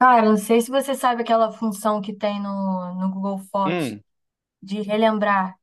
Cara, não sei se você sabe aquela função que tem no Google Fotos Hum, de relembrar.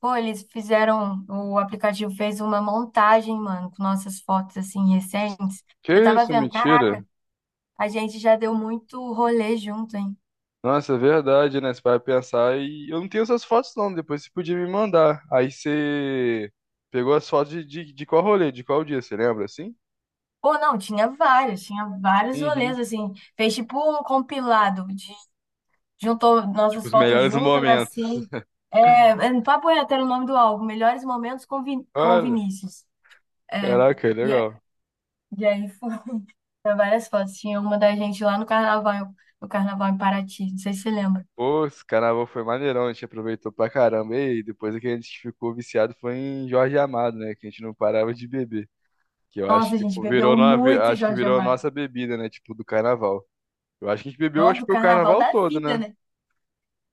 Pô, eles fizeram, o aplicativo fez uma montagem, mano, com nossas fotos assim recentes. que Eu tava isso, vendo, caraca, mentira. a gente já deu muito rolê junto, hein? Nossa, é verdade, né? Você vai pensar e eu não tenho essas fotos não, depois você podia me mandar. Aí você pegou as fotos de qual rolê, de qual dia, você lembra assim? Pô, não, tinha vários rolês Uhum. assim. Fez tipo um compilado de juntou Tipo, nossas os fotos melhores juntas momentos. assim. É, Papo reto era o nome do álbum, Melhores Momentos com Olha, Vinícius. É. caraca, E a- legal. e aí tinha várias fotos. Tinha uma da gente lá no carnaval, no carnaval em Paraty. Não sei se você lembra. Pô, esse carnaval foi maneirão, a gente aproveitou pra caramba. E depois é que a gente ficou viciado foi em Jorge Amado, né? Que a gente não parava de beber. Que eu acho Nossa, a que gente pô, bebeu virou, muito acho que Jorge virou a Amado. nossa bebida, né? Tipo, do carnaval. Eu acho que a gente bebeu, Nossa, acho que do foi o carnaval carnaval da todo, vida, né? né?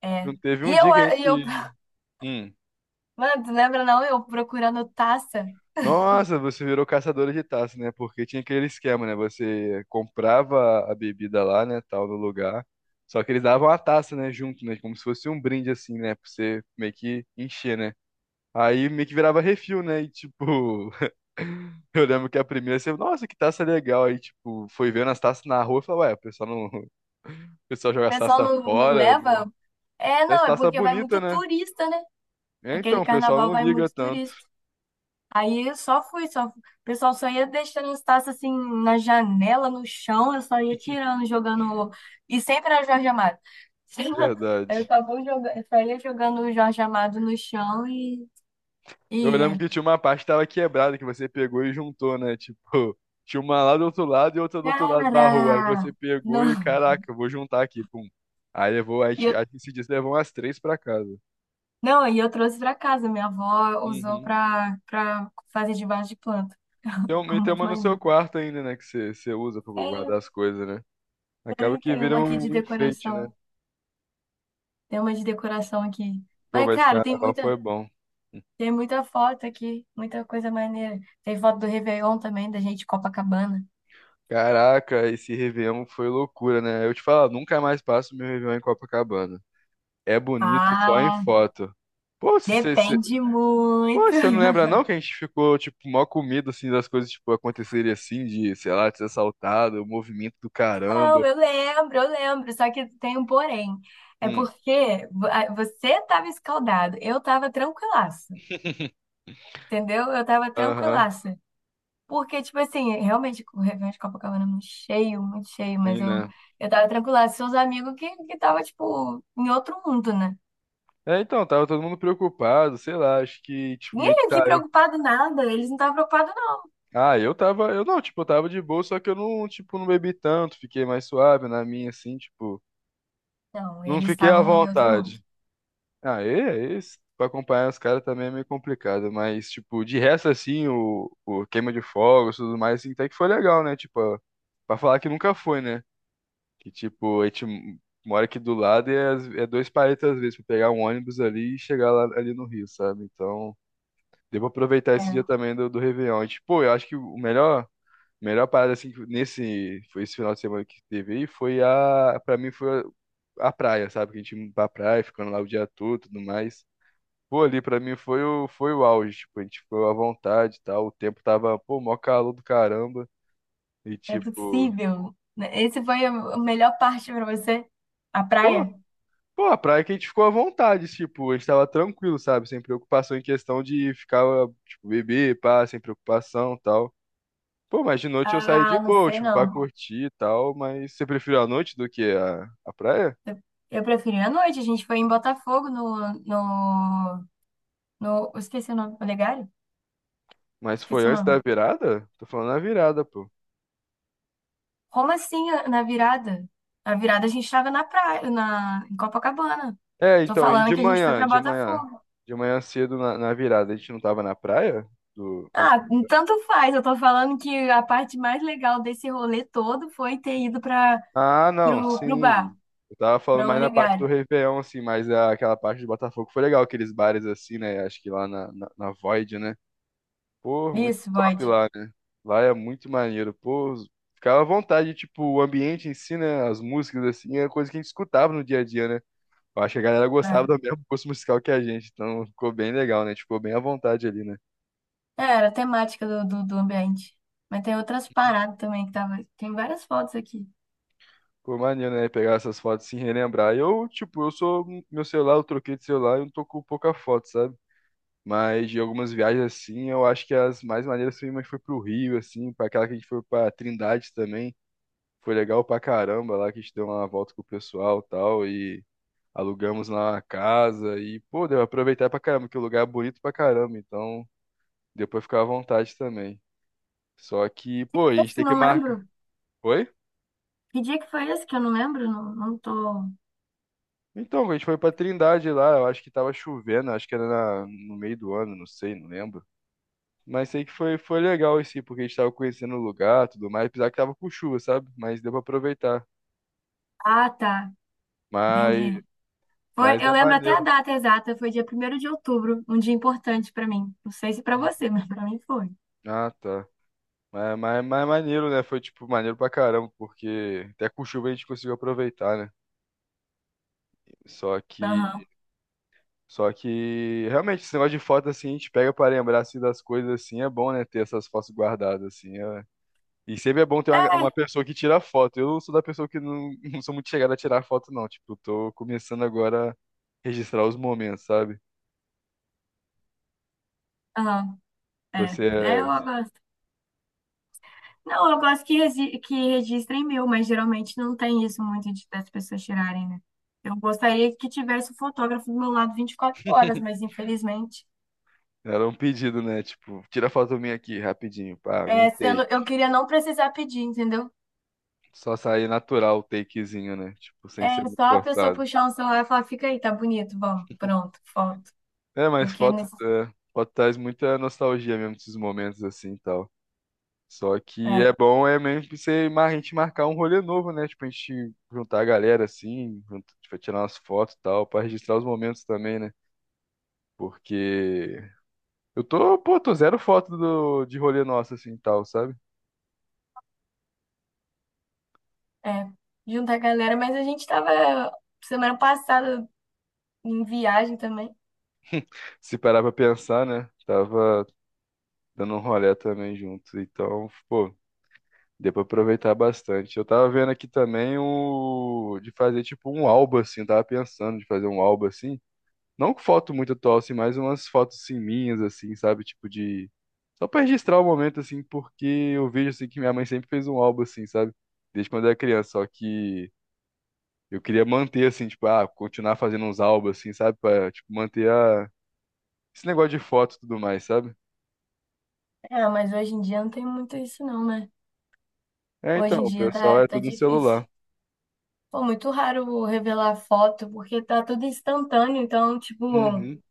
É. Não teve E um eu, dia que a gente. e eu, Hum. mano, tu lembra não? Eu procurando taça. Nossa, você virou caçadora de taça, né? Porque tinha aquele esquema, né? Você comprava a bebida lá, né? Tal, no lugar. Só que eles davam a taça, né? Junto, né? Como se fosse um brinde, assim, né? Pra você meio que encher, né? Aí meio que virava refil, né? E tipo. Eu lembro que a primeira você, nossa, que taça legal. Aí, tipo, foi vendo as taças na rua e falou, ué, o pessoal não. O pessoal O joga as pessoal taças não fora. Não. leva. É, Essa não, é taça porque vai bonita, muito né? turista, né? É, Aquele então, o pessoal carnaval não vai liga muito tanto. turista. Aí eu só fui, só. O pessoal só ia deixando as taças assim na janela, no chão, eu só ia tirando, jogando. E sempre era Jorge Amado. Verdade. Eu só ia jogando o Jorge Amado no chão Eu e... lembro que tinha uma parte que tava quebrada que você pegou e juntou, né? Tipo, tinha uma lá do outro lado e outra do outro lado da rua. Aí você Cara! pegou e, Não, caraca, eu vou juntar aqui, pum. Aí levou, aí, e eu, aí esse dia você levou umas três pra casa. não, e eu trouxe pra casa. Minha avó usou Uhum. pra fazer de vaso de planta. Tem uma, Ficou e tem muito uma no seu maneiro. quarto ainda, né? Que você usa pra É, guardar as coisas, né? Acaba e que tem vira uma aqui um de um enfeite, né? decoração. Tem uma de decoração aqui. Pô, Mas, mas cara, tem carnaval muita. foi bom. Tem muita foto aqui, muita coisa maneira. Tem foto do Réveillon também, da gente, Copacabana. Caraca, esse Réveillon foi loucura, né? Eu te falo, nunca mais passo meu Réveillon em Copacabana. É bonito só em Ah, foto. Pô, se você depende Pô, muito. você não lembra não que a gente ficou, tipo, mó com medo, assim, das coisas, tipo, acontecerem assim, de, sei lá, de ser assaltado, o movimento do caramba. Não, eu lembro, eu lembro. Só que tem um porém. É Hum. porque você tava escaldado, eu tava tranquilaça. Entendeu? Eu tava Aham, tranquilaça. Porque, tipo assim, realmente o Réveillon de Copacabana é muito cheio, mas sim, eu, né? eu tava tranquilaça. Seus amigos que tava, tipo, em outro mundo, né? É, então, tava todo mundo preocupado, sei lá, acho que, tipo, meio que Ninguém aqui tá eu. preocupado nada, eles não estavam preocupados. Ah, eu tava, eu não, tipo, eu tava de boa, só que eu não, tipo, não bebi tanto, fiquei mais suave na minha, assim, tipo, Não, não eles fiquei à estavam em outro mundo. vontade. Ah, e pra acompanhar os caras também é meio complicado, mas, tipo, de resto, assim, o queima de fogos e tudo mais, assim, até que foi legal, né? Tipo, pra falar que nunca foi, né? Que, tipo, a gente mora aqui do lado e é, é dois palitos às vezes pra pegar um ônibus ali e chegar lá, ali no Rio, sabe? Então, devo aproveitar É, esse dia não também do Réveillon. E, tipo, eu acho que o melhor, parada, assim, que nesse, foi esse final de semana que teve aí, foi a, pra mim, foi a praia, sabe? Que a gente indo pra praia, ficando lá o dia todo e tudo mais. Pô, ali pra mim foi o, foi o auge, tipo, a gente ficou à vontade e tal, o tempo tava, pô, mó calor do caramba, e é tipo, possível. Esse foi a melhor parte pra você? A pô, praia? A praia que a gente ficou à vontade, tipo, a gente tava tranquilo, sabe, sem preocupação em questão de ficar, tipo, beber, pá, sem preocupação e tal. Pô, mas de noite eu saí Ah, de não boa, sei tipo, pra não. curtir e tal, mas você preferiu a noite do que a praia? Eu preferi a noite. A gente foi em Botafogo no, no, no... eu esqueci o nome. Olegário? Mas foi Esqueci o antes da nome. virada? Tô falando na virada, pô. Como assim na virada? Na virada a gente tava na praia, em Copacabana. É, Tô então, e falando de que a gente foi manhã, pra Botafogo. Cedo na virada, a gente não tava na praia? Antes. Ah, tanto faz. Eu tô falando que a parte mais legal desse rolê todo foi ter ido pra, Ah, não, pro, pro bar, sim. Eu tava falando pra mais na parte do Olegário. Réveillon, assim, mas aquela parte do Botafogo foi legal, aqueles bares assim, né? Acho que lá na Void, né? Pô, muito Isso, Void. top lá, né? Lá é muito maneiro. Pô, ficava à vontade, tipo, o ambiente em si, né? As músicas, assim, é coisa que a gente escutava no dia a dia, né? Eu acho que a galera gostava Ah, do mesmo gosto musical que a gente, então ficou bem legal, né? A gente ficou bem à vontade ali, né? é, era a temática do ambiente. Mas tem outras paradas também que tava. Tem várias fotos aqui. Pô, maneiro, né? Pegar essas fotos e se relembrar. Eu, tipo, eu sou. Meu celular, eu troquei de celular, e eu não tô com pouca foto, sabe? Mas de algumas viagens assim, eu acho que as mais maneiras foi, mas foi pro Rio, assim, para aquela que a gente foi pra Trindade também. Foi legal pra caramba lá que a gente deu uma volta com o pessoal e tal. E alugamos lá uma casa. E, pô, deu pra aproveitar pra caramba, que o lugar é bonito pra caramba. Então, deu pra ficar à vontade também. Só que, pô, a gente Esse tem que não marcar. lembro. Oi? Que dia que foi esse que eu não lembro? Não, não tô. Então, a gente foi pra Trindade lá, eu acho que tava chovendo, acho que era no meio do ano, não sei, não lembro. Mas sei que foi, foi legal esse, porque a gente tava conhecendo o lugar, tudo mais, apesar que tava com chuva, sabe? Mas deu pra aproveitar. Ah, tá. Mas, Entendi. Foi, mas eu é lembro até a maneiro. data exata, foi dia primeiro de outubro, um dia importante pra mim. Não sei se pra Hum. você, mas pra mim foi. Ah, tá. Mas é maneiro, né? Foi, tipo, maneiro pra caramba, porque até com chuva a gente conseguiu aproveitar, né? Só que, Aham. só que realmente, esse negócio de foto, assim, a gente pega pra lembrar, assim, das coisas, assim, é bom, né? Ter essas fotos guardadas, assim, é. E sempre é bom ter uma, É, uma pessoa que tira foto. Eu sou da pessoa que não, não sou muito chegada a tirar foto, não. Tipo, tô começando agora a registrar os momentos, sabe? aham. É. Você É, eu, é, Não, eu gosto que registrem meu, mas geralmente não tem isso muito das pessoas tirarem, né? Eu gostaria que tivesse o fotógrafo do meu lado 24 horas, mas infelizmente, era um pedido, né? Tipo, tira foto minha aqui, rapidinho, pá, algum é, take. sendo, eu queria não precisar pedir, entendeu? Só sair natural o takezinho, né? Tipo, sem ser É só muito a pessoa forçado. puxar um celular e falar, fica aí, tá bonito, vamos, pronto, foto. É, mas Porque é foto, nesse, é, foto traz muita nostalgia mesmo desses momentos assim e tal. Só que é, é bom é mesmo pra você, a gente marcar um rolê novo, né? Tipo, a gente juntar a galera assim, junto, tipo, tirar umas fotos e tal, pra registrar os momentos também, né? Porque eu tô, pô, tô zero foto do, de rolê nosso assim e tal, sabe? é, juntar a galera, mas a gente tava semana passada em viagem também. Se parar pra pensar, né? Tava dando um rolê também junto, então, pô, deu pra aproveitar bastante. Eu tava vendo aqui também o de fazer tipo um álbum assim, eu tava pensando de fazer um álbum assim. Não com foto muito atual, assim, mas umas fotos assim, minhas, assim, sabe? Tipo de. Só pra registrar o momento, assim, porque eu vejo assim que minha mãe sempre fez um álbum, assim, sabe? Desde quando eu era criança. Só que eu queria manter, assim, tipo, ah, continuar fazendo uns álbuns, assim, sabe? Pra, tipo, manter a esse negócio de foto e tudo mais, sabe? É, mas hoje em dia não tem muito isso não, né? É, Hoje então, em o dia pessoal tá, é tá tudo no celular. difícil. Pô, muito raro revelar foto, porque tá tudo instantâneo, então, tipo, Uhum.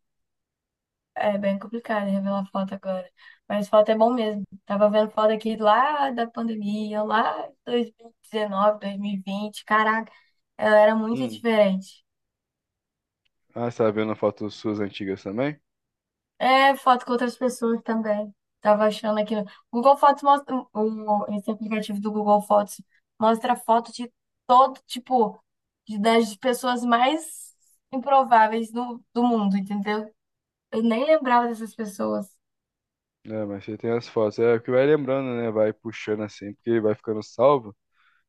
é bem complicado revelar foto agora. Mas foto é bom mesmo. Tava vendo foto aqui lá da pandemia, lá em 2019, 2020. Caraca, ela era muito Hum. diferente. Ah, você tá vendo fotos suas antigas também? É, foto com outras pessoas também. Tava achando aqui. No- Google Fotos mostra. O- Esse aplicativo do Google Fotos mostra foto de todo, tipo, das pessoas mais improváveis do mundo, entendeu? Eu nem lembrava dessas pessoas. É, mas você tem as fotos. É o que vai lembrando, né? Vai puxando assim, porque vai ficando salvo.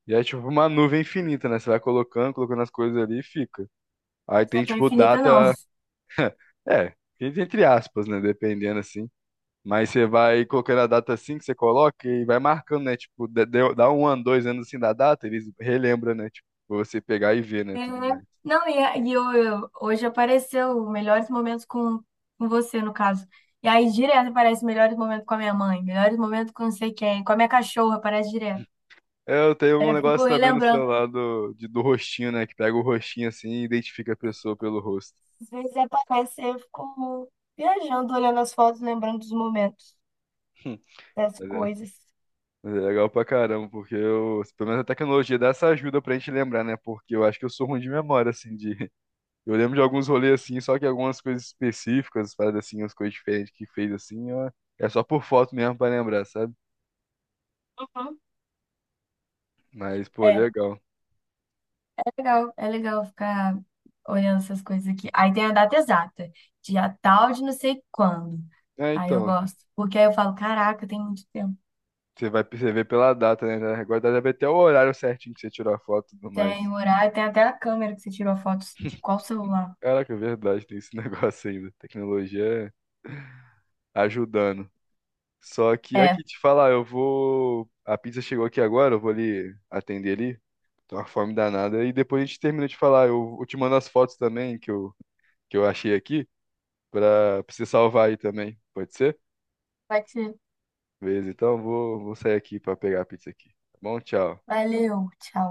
E é tipo uma nuvem infinita, né? Você vai colocando, colocando as coisas ali e fica. Aí Não é tem tão tipo infinita, não. data. É, entre aspas, né? Dependendo assim. Mas você vai colocando a data assim que você coloca e vai marcando, né? Tipo, dá um ano, 2 anos assim da data, eles relembram, né? Tipo, pra você pegar e ver, né? É, Tudo mais. não, hoje apareceu melhores momentos com você, no caso. E aí direto aparece melhores momentos com a minha mãe, melhores momentos com não sei quem, com a minha cachorra, aparece direto. Eu tenho Aí um eu fico negócio também no relembrando. celular do, de- do rostinho, né? Que pega o rostinho assim e identifica a pessoa pelo rosto. Às vezes aparece, aí eu fico viajando, olhando as fotos, lembrando dos momentos, das Mas é coisas. É legal pra caramba, porque eu, pelo menos a tecnologia dá essa ajuda pra gente lembrar, né? Porque eu acho que eu sou ruim de memória, assim, de. Eu lembro de alguns rolês, assim, só que algumas coisas específicas, paradas assim, umas coisas diferentes que fez, assim, ó, é só por foto mesmo pra lembrar, sabe? Uhum. Mas, pô, legal. Legal, é legal ficar olhando essas coisas aqui. Aí tem a data exata, dia tal de não sei quando. É, Aí eu então, gosto, porque aí eu falo, caraca, tem muito tempo. você vai perceber pela data, né? Agora deve até o horário certinho que você tirou a foto e tudo mais. Tem o horário, tem até a câmera que você tirou a foto de qual celular. Caraca, é verdade, tem esse negócio ainda. Tecnologia ajudando. Só que É, aqui te falar, eu vou. A pizza chegou aqui agora, eu vou ali atender ali. Tô uma fome danada. E depois a gente termina de falar. Eu te mando as fotos também que eu achei aqui pra, pra você salvar aí também. Pode ser? pode ser. Beleza, então vou, vou sair aqui pra pegar a pizza aqui. Tá bom? Tchau. Valeu, tchau.